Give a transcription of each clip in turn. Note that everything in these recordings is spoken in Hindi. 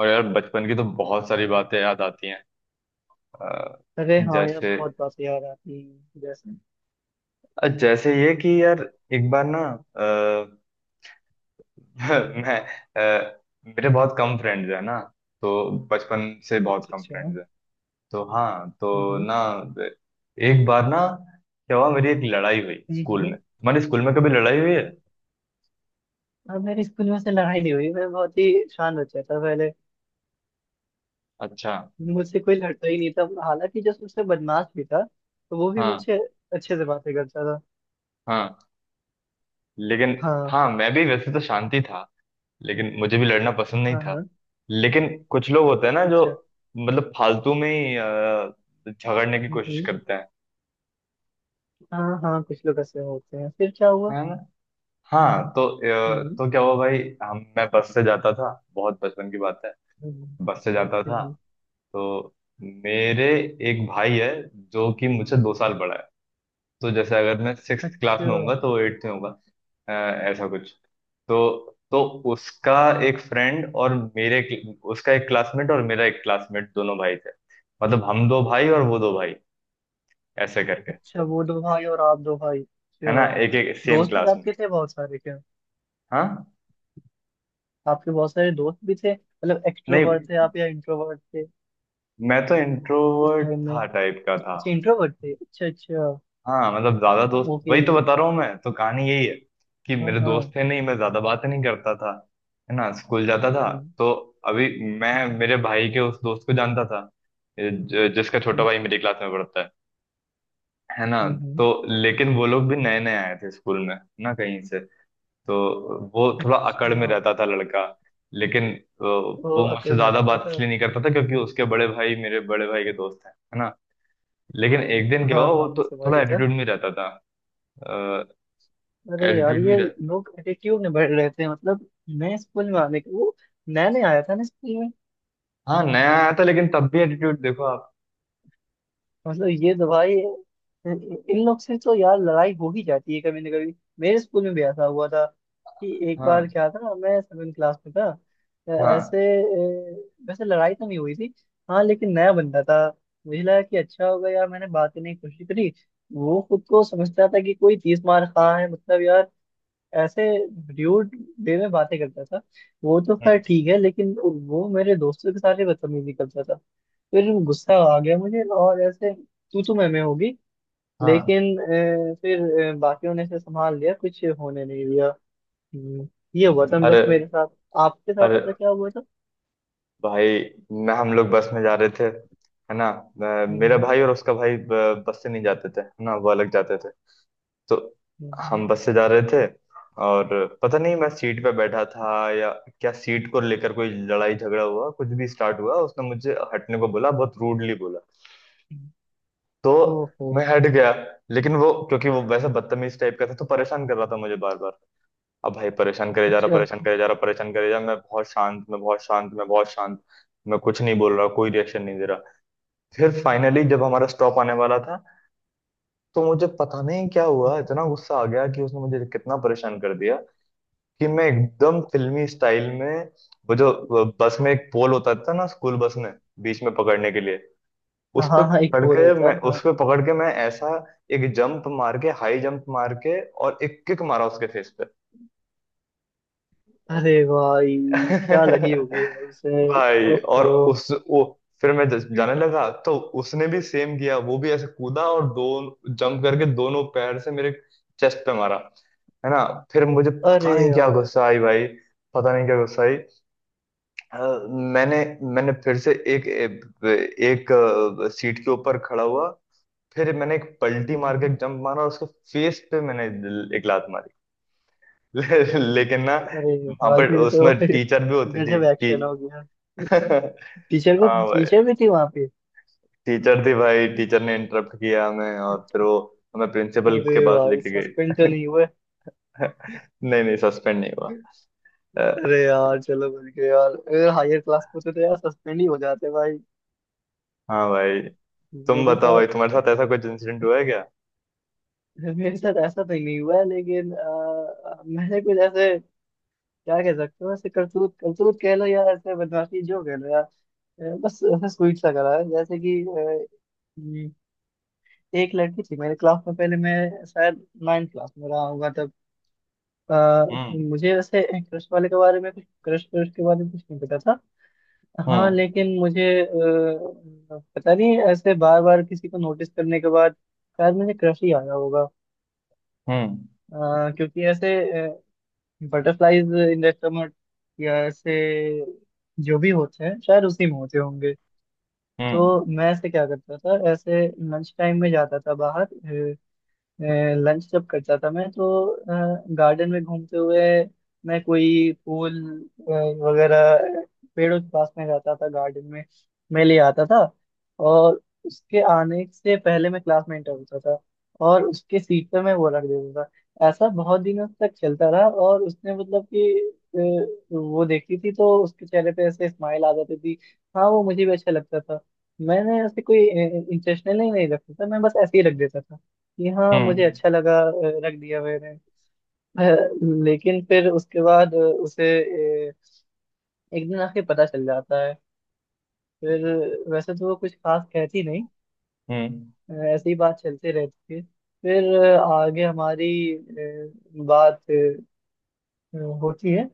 और यार बचपन की तो बहुत सारी बातें याद आती हैं। अ, अरे हाँ यार, जैसे बहुत बातें याद आती हैं जैसे। जैसे ये कि यार एक बार ना। अ, हम्म। मैं अ, मेरे बहुत कम फ्रेंड्स हैं ना। तो बचपन से बहुत अच्छा कम अच्छा। फ्रेंड्स हैं। तो हाँ। तो ना एक बार ना क्या हुआ, मेरी एक लड़ाई हुई हम्म स्कूल हम्म। में। तुम्हारे स्कूल में कभी लड़ाई हुई है? अब मेरे स्कूल में से लड़ाई नहीं हुई, मैं बहुत ही शांत बच्चा था पहले। अच्छा। मुझसे कोई लड़ता ही नहीं था। हालांकि जो सबसे बदमाश भी था, तो वो भी हाँ मुझसे अच्छे से बातें करता था। हाँ। लेकिन हाँ हाँ, मैं भी वैसे तो शांति था। लेकिन मुझे भी लड़ना पसंद नहीं हाँ था। हाँ। लेकिन कुछ लोग होते हैं ना जो अच्छा। मतलब फालतू में ही झगड़ने की कोशिश हम्म। करते हैं। हाँ हाँ, कुछ लोग ऐसे होते हैं, फिर क्या हुआ? है ना। हाँ। तो अ, हम्म तो क्या हुआ भाई, हम मैं बस से जाता था, बहुत बचपन की बात है। हम्म हम्म, बस से जाता था। हम्म। तो मेरे एक भाई है जो कि मुझसे 2 साल बड़ा है। तो जैसे अगर मैं 6 क्लास अच्छा, में होऊंगा तो 8th में होगा, अ, ऐसा कुछ। तो उसका एक फ्रेंड और मेरे उसका एक क्लासमेट और मेरा एक क्लासमेट, दोनों भाई थे। मतलब हम दो भाई और हम्म। वो दो भाई, ऐसे करके। अच्छा, वो दो भाई और आप दो भाई, है ना। अच्छा। एक एक सेम दोस्त भी क्लास में। आपके थे बहुत सारे क्या? हाँ। आपके बहुत सारे दोस्त भी थे मतलब, नहीं, एक्सट्रोवर्ट थे आप या इंट्रोवर्ट थे मैं तो उस इंट्रोवर्ट टाइम में? था टाइप का था। अच्छा, इंट्रोवर्ट थे, अच्छा अच्छा। हाँ, मतलब ज्यादा दोस्त ओके। वही तो बता रहा हूँ। मैं तो कहानी यही है कि हाँ मेरे दोस्त हाँ। थे नहीं। मैं ज्यादा बातें नहीं करता था। है ना। स्कूल जाता था। हम्म तो अभी मैं हम्म मेरे भाई के उस दोस्त को जानता था, जिसका छोटा हम्म भाई मेरी क्लास में पढ़ता है। है ना। हम्म, तो हम्म। लेकिन वो लोग भी नए नए आए थे स्कूल में ना कहीं से, तो वो थोड़ा अकड़ अच्छा। में रहता था लड़का। लेकिन वो वो आखिर मुझसे में ज्यादा रहता बात था। इसलिए नहीं करता था क्योंकि उसके बड़े भाई मेरे बड़े भाई के दोस्त हैं। है ना। लेकिन एक दिन क्या हाँ हुआ, वो हाँ, मैं तो समझ थोड़ा गया। एटीट्यूड में रहता था। अरे यार, एटीट्यूड में ये रह लोग एटीट्यूड में बढ़ रहे थे मतलब। नए स्कूल में आने के वो, नया नया आया था ना स्कूल में। हाँ, नया आया था लेकिन तब भी एटीट्यूड देखो आप। मतलब ये तो भाई, इन इन लोग से तो यार लड़ाई हो ही जाती है कभी ना कभी। मेरे स्कूल में भी ऐसा हुआ था कि एक बार हाँ क्या था, मैं सेवन क्लास में था। ऐसे, हाँ। वैसे लड़ाई तो नहीं हुई थी। हाँ, लेकिन नया बंदा था। मुझे लगा कि अच्छा होगा यार, मैंने बात करने की कोशिश करी। वो खुद को समझता था कि कोई तीस मार खा है, मतलब यार ऐसे, ड्यूड वे में बातें करता था। वो तो खैर हम्म। ठीक है, लेकिन वो मेरे दोस्तों के साथ ही बदतमीजी करता था। फिर गुस्सा आ गया मुझे, और ऐसे तू तो मैं में होगी। हाँ। लेकिन फिर बाकियों ने इसे संभाल लिया, कुछ होने नहीं दिया। हम्म, ये हुआ था अरे। बस मेरे साथ। आपके साथ अरे ऐसा क्या हुआ था? भाई, मैं हम लोग बस में जा रहे थे है ना। हम्म मेरा हम्म, भाई और उसका भाई बस से नहीं जाते थे है ना, वो अलग जाते थे। तो हम्म, हम बस से जा रहे थे। और पता नहीं मैं सीट पे बैठा था या क्या, सीट को लेकर कोई लड़ाई झगड़ा हुआ, कुछ भी स्टार्ट हुआ। उसने मुझे हटने को बोला, बहुत रूडली बोला। हम्म। तो ओहो। मैं हट गया। लेकिन वो, क्योंकि वो वैसे बदतमीज टाइप का था, तो परेशान कर रहा था मुझे बार बार। अब भाई, परेशान करे जा रहा, अच्छा। परेशान करे जा रहा, परेशान करे जा रहा। मैं बहुत शांत, मैं बहुत शांत, मैं बहुत शांत। मैं कुछ नहीं बोल रहा, कोई रिएक्शन नहीं दे रहा। फिर फाइनली, जब हमारा स्टॉप आने वाला था, तो मुझे पता नहीं क्या हुआ, इतना गुस्सा आ गया कि उसने मुझे कितना परेशान कर दिया। कि मैं एकदम फिल्मी स्टाइल में, वो जो बस में एक पोल होता था ना, स्कूल बस में, बीच में पकड़ने के लिए, उस हाँ पे हाँ, एक पकड़ बोल के होता मैं है, उस हाँ। पे पकड़ के मैं ऐसा एक जंप मार के, हाई जंप मार के, और एक किक मारा उसके फेस अरे भाई, क्या लगी पे। होगी यार उसे। भाई, और ओहो। उस वो फिर जाने लगा तो उसने भी सेम किया, वो भी ऐसे कूदा और दो जंप करके दोनों पैर से मेरे चेस्ट पे मारा। है ना। फिर मुझे अरे पता नहीं क्या यार। गुस्सा आई भाई, पता नहीं क्या गुस्सा आई। अ, मैंने मैंने फिर से एक एक अ, सीट के ऊपर खड़ा हुआ। फिर मैंने एक पलटी मार के हम्म। एक जंप मारा और उसके फेस पे मैंने एक लात मारी। लेकिन ना, अरे वहां भाई, पर ये तो उसमें टीचर भी होती थी। गजब एक्शन हो टी गया। हाँ टीचर को, भाई, टीचर भी थी वहां पे। टीचर थी भाई। टीचर ने इंटरप्ट किया हमें और फिर वो हमें प्रिंसिपल अरे के पास भाई, लेके गई। सस्पेंड तो नहीं हुए? नहीं नहीं, सस्पेंड नहीं हुआ। अ, अरे यार, चलो बच गए यार, अगर हायर क्लास में होते तो यार सस्पेंड ही हो जाते भाई। हाँ भाई। तुम मेरे बताओ साथ भाई, तुम्हारे साथ ऐसा कुछ इंसिडेंट हुआ है क्या? मेरे साथ ऐसा तो नहीं हुआ है, लेकिन मैंने कुछ ऐसे, क्या कह सकते हो, ऐसे करतूत करतूत कह लो या ऐसे बदमाशी जो कह लो यार। बस ऐसा स्वीट सा करा है, जैसे कि हम्म। एक लड़की थी मेरे क्लास में, पहले मैं शायद नाइन्थ क्लास में रहा होगा तब। हम्म। मुझे वैसे क्रश वाले के बारे में कुछ, क्रश क्रश के बारे में कुछ नहीं पता था। हाँ हम्म। लेकिन मुझे पता नहीं, ऐसे बार बार किसी को नोटिस करने के बाद शायद मुझे क्रश ही आया होगा। हम्म। क्योंकि ऐसे बटरफ्लाईज इंडस्ट्रोमट या ऐसे, जो भी होते हैं शायद उसी में होते होंगे। हम्म। तो मैं ऐसे क्या करता था, ऐसे लंच टाइम में जाता था बाहर। लंच जब करता था मैं, तो गार्डन में घूमते हुए मैं कोई फूल अ, वगैरह, पेड़ों के पास में जाता था, गार्डन में मैं ले आता था। और उसके आने से पहले मैं क्लास में इंटर होता था, और उसके सीट पे मैं वो रख देता था। ऐसा बहुत दिनों तक चलता रहा, और उसने मतलब कि वो देखती थी तो उसके चेहरे पे ऐसे स्माइल आ जाती थी। हाँ, वो मुझे भी अच्छा लगता था। मैंने ऐसे कोई इंटेंशनली नहीं रखता था, मैं बस ऐसे ही रख देता था कि हाँ मुझे हम्म। अच्छा लगा, रख दिया मैंने। अ, लेकिन फिर उसके बाद उसे अ, एक दिन आके पता चल जाता है। फिर वैसे तो वो कुछ खास कहती नहीं, हम्म। ऐसे ही बात चलते रहती है। फिर आगे हमारी बात होती है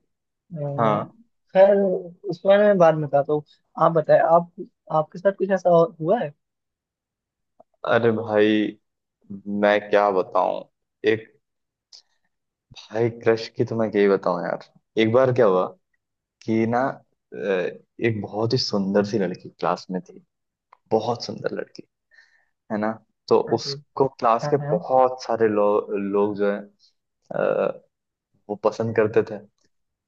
हाँ। खैर, उस बारे में बाद में बताता हूँ। आप बताएं, आप, आपके साथ कुछ ऐसा और हुआ है? अरे भाई, मैं क्या बताऊं। एक भाई, क्रश की तो मैं क्या ही बताऊं यार। एक बार क्या हुआ कि ना, एक बहुत ही सुंदर सी लड़की क्लास में थी, बहुत सुंदर लड़की। है ना। तो हाँ जी। उसको क्लास हाँ के हाँ बहुत सारे लोग जो है अ, वो पसंद करते थे।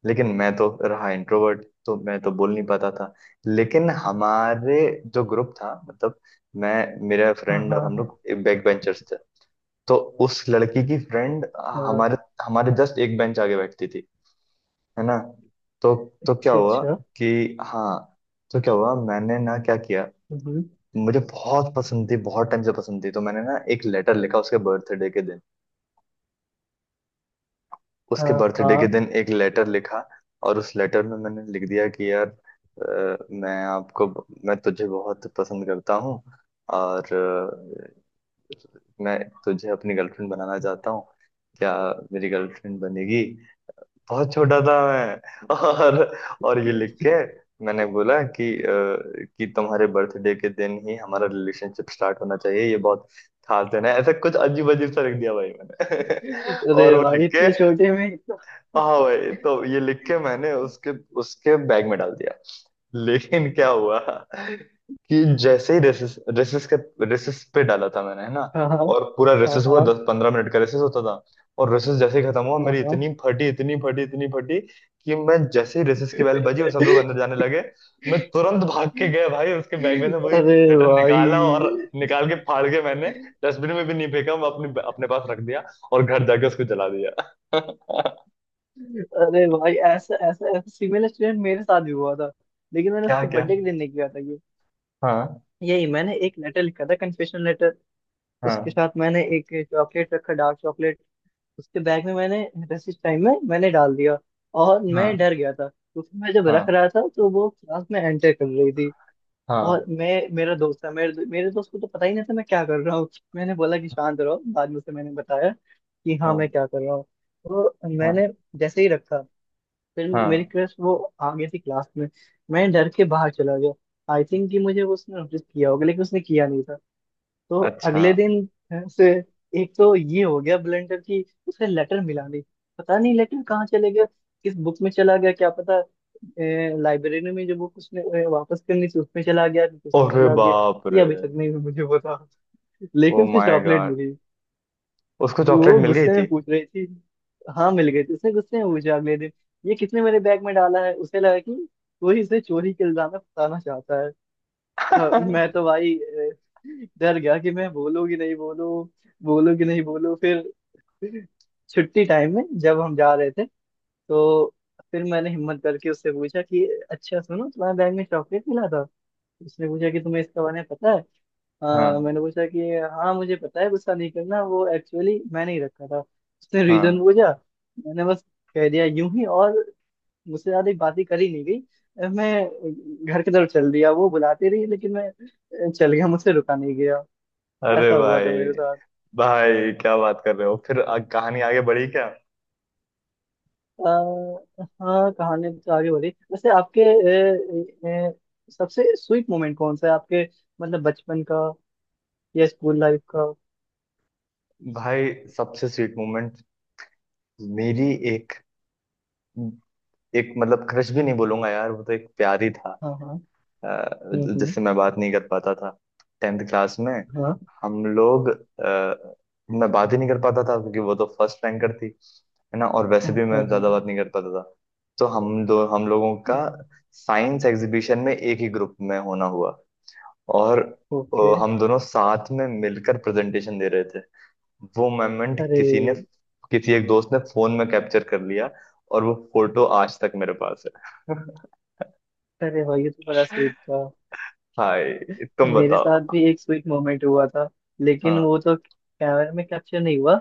लेकिन मैं तो रहा इंट्रोवर्ट, तो मैं तो बोल नहीं पाता था। लेकिन हमारे जो ग्रुप था मतलब, मैं, मेरा हाँ फ्रेंड, और हम हाँ लोग बैक बेंचर्स थे। तो उस लड़की की फ्रेंड हाँ, हमारे हमारे जस्ट एक बेंच आगे बैठती थी। है ना। तो तो क्या अच्छा हुआ अच्छा, कि, हाँ, तो क्या हुआ, मैंने ना क्या किया, हम्म, मुझे बहुत पसंद थी, बहुत टाइम से पसंद थी, तो मैंने ना एक लेटर लिखा उसके बर्थडे के दिन। अ, उसके बर्थडे के हाँ। दिन एक लेटर लिखा। और उस लेटर में मैंने लिख दिया कि यार, मैं तुझे बहुत पसंद करता हूँ, और मैं तुझे अपनी गर्लफ्रेंड बनाना चाहता हूँ। क्या मेरी गर्लफ्रेंड बनेगी? बहुत छोटा था मैं। और ये लिख के मैंने बोला कि कि तुम्हारे बर्थडे के दिन ही हमारा रिलेशनशिप स्टार्ट होना चाहिए, ये बहुत खास दिन है, ऐसा कुछ अजीब अजीब सा लिख दिया भाई मैंने। और अरे वो लिख भाई, के इतने छोटे में इतना! हाँ भाई, तो ये लिख के मैंने उसके उसके बैग में डाल दिया। लेकिन क्या हुआ कि जैसे ही रेसेस रेसेस के रेसेस पे डाला था मैंने। है ना। हाँ हाँ और पूरा हाँ रेसेस हुआ, हाँ 10 15 मिनट का रेसेस होता था। और रेसेस जैसे ही खत्म हुआ, हाँ मेरी हाँ। इतनी फटी, इतनी फटी, इतनी फटी कि मैं, जैसे ही रेसेस की बेल बजी और सब लोग अंदर जाने लगे, मैं तुरंत भाग के गया भाई, उसके बैग में से वही अरे लेटर निकाला और भाई। निकाल के फाड़ के, मैंने डस्टबिन में भी नहीं फेंका, मैं अपने अपने पास रख दिया। और घर जाके उसको जला दिया। अरे भाई, ऐसा ऐसा ऐसा सिमिलर एक्सीडेंट मेरे साथ भी हुआ था, लेकिन मैंने क्या? उसके क्या? बर्थडे के दिन नहीं किया था ये। हाँ। यही मैंने एक लेटर लिखा था, कन्फेशनल लेटर। उसके हाँ। साथ मैंने एक चॉकलेट रखा, डार्क चॉकलेट। उसके बैग में मैंने, रेसिस टाइम में मैंने डाल दिया। और मैं डर हाँ। गया था, क्योंकि मैं जब रख हाँ। रहा था तो वो क्लास में एंटर कर रही थी। हाँ। और मैं, मेरा दोस्त था, मेरे मेरे दोस्त को तो पता ही नहीं था मैं क्या कर रहा हूँ। मैंने बोला कि शांत रहो, बाद में उसे मैंने बताया कि हाँ मैं हाँ। क्या कर रहा हूँ। तो मैंने, हाँ। जैसे ही रखा, फिर मेरी हाँ। क्रश, वो आ गई थी क्लास में, मैं डर के बाहर चला गया। आई थिंक कि मुझे वो, उसने नोटिस किया होगा, लेकिन उसने किया नहीं था। तो अच्छा। अगले दिन से, एक तो ये हो गया ब्लेंडर की, उसे लेटर मिला नहीं। पता नहीं लेटर कहाँ चले गया, किस बुक में चला गया क्या पता, लाइब्रेरी में जो बुक उसने वापस करनी थी उसमें चला गया कि किसमें अरे चला गया, बाप ये रे। अभी तक नहीं मुझे पता। ओ लेकिन उसे माय चॉकलेट गॉड। मिली, उसको चॉकलेट वो मिल गई गुस्से थी? में पूछ रही थी। हाँ मिल गई थी, उसने गुस्से में पूछा अगले दिन, ये किसने मेरे बैग में डाला है? उसे लगा कि कोई इसे चोरी के इल्जाम में फंसाना चाहता है। हाँ, मैं तो भाई डर गया, कि मैं बोलूँ कि नहीं बोलूँ, बोलूँ कि नहीं बोलूँ। फिर छुट्टी टाइम में जब हम जा रहे थे, तो फिर मैंने हिम्मत करके उससे पूछा कि अच्छा सुनो, तुम्हारे बैग में चॉकलेट मिला था? उसने पूछा कि तुम्हें इसका बारे में पता है? हाँ मैंने पूछा कि हाँ, मुझे पता है, गुस्सा नहीं करना, वो एक्चुअली मैंने ही रखा था। उसने रीजन हाँ। पूछा, मैंने बस कह दिया यूं ही, और मुझसे ज्यादा बातें करी नहीं गई, मैं घर की तरफ चल दिया। वो बुलाते रही, लेकिन मैं चल गया, मुझसे रुका नहीं गया। अरे ऐसा हुआ था भाई। मेरे साथ। भाई, क्या बात कर रहे हो? फिर कहानी आगे बढ़ी क्या? हाँ, कहानी तो आगे बढ़ी। वैसे आपके, सबसे स्वीट मोमेंट कौन सा है आपके? मतलब बचपन का, या स्कूल लाइफ का? भाई सबसे स्वीट मोमेंट, मेरी, एक एक मतलब क्रश भी नहीं बोलूंगा यार, वो तो एक प्यार ही था। हाँ हाँ, अ, हम्म हम्म, जिससे मैं बात नहीं कर पाता था। 10th क्लास में हाँ हम लोग, मैं बात ही नहीं कर पाता था क्योंकि वो तो फर्स्ट रैंकर थी। है ना। और हाँ वैसे भी हाँ मैं ज्यादा हाँ, बात नहीं कर पाता था। तो हम लोगों का साइंस एग्जीबिशन में एक ही ग्रुप में होना हुआ। और ओके। हम दोनों साथ में मिलकर प्रेजेंटेशन दे रहे थे। वो मोमेंट अरे। किसी एक दोस्त ने फोन में कैप्चर कर लिया, और वो फोटो आज तक मेरे पास है। अरे भाई, ये तो बड़ा स्वीट था। हाय। तुम मेरे साथ बताओ। भी एक स्वीट मोमेंट हुआ था, लेकिन हाँ। वो तो कैमरे में कैप्चर नहीं हुआ।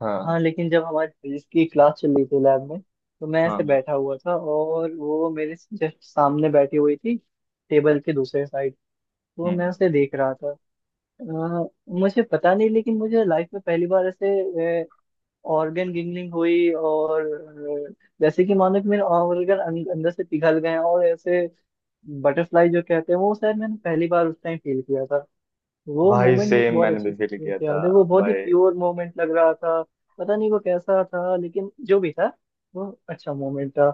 हाँ। हाँ, लेकिन जब हमारी फिजिक्स की क्लास चल रही थी लैब में, तो मैं ऐसे हाँ। बैठा हुआ था और वो मेरे जस्ट सामने बैठी हुई थी, टेबल के दूसरे साइड। तो मैं हम्म। उसे देख रहा था। अ, मुझे पता नहीं, लेकिन मुझे लाइफ में पहली बार ऐसे ऑर्गन गिंगलिंग हुई, और अ, जैसे कि मानो कि मेरे ऑर्गन अंदर से पिघल गए हैं, और ऐसे बटरफ्लाई जो कहते हैं, वो शायद मैंने पहली बार उस टाइम फील किया था। वो भाई, मोमेंट मुझे सेम बहुत मैंने अच्छे भी फील से किया से था याद है, वो बहुत ही भाई। प्योर मोमेंट लग रहा था। पता नहीं वो कैसा था, लेकिन जो भी था, वो अच्छा मोमेंट था।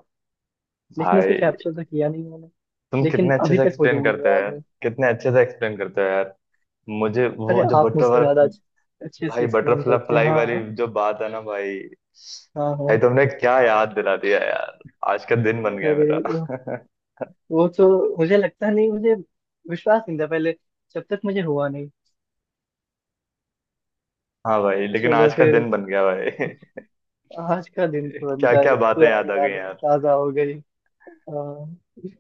लेकिन भाई, उसे कैप्चर तो किया नहीं मैंने, तुम लेकिन कितने अच्छे अभी से तक मुझे एक्सप्लेन मुझे करते हो याद यार। है। कितने अच्छे से एक्सप्लेन करते हो यार। मुझे अरे, वो जो आप मुझसे ज्यादा बटरफ्लाई, अच्छे, अच्छे से भाई, एक्सप्लेन करते हैं, बटरफ्लाई वाली हाँ। जो बात है ना भाई, हाँ हाँ। भाई, तुमने क्या याद दिला दिया यार। आज का दिन बन गया अरे, मेरा। वो तो मुझे लगता नहीं, मुझे विश्वास नहीं था पहले, जब तक मुझे हुआ नहीं। हाँ भाई, लेकिन चलो आज का फिर, दिन बन गया भाई। आज का दिन तो बन क्या जाए, क्या बातें पुरानी याद आ यादें गई। ताजा हो गई। हाँ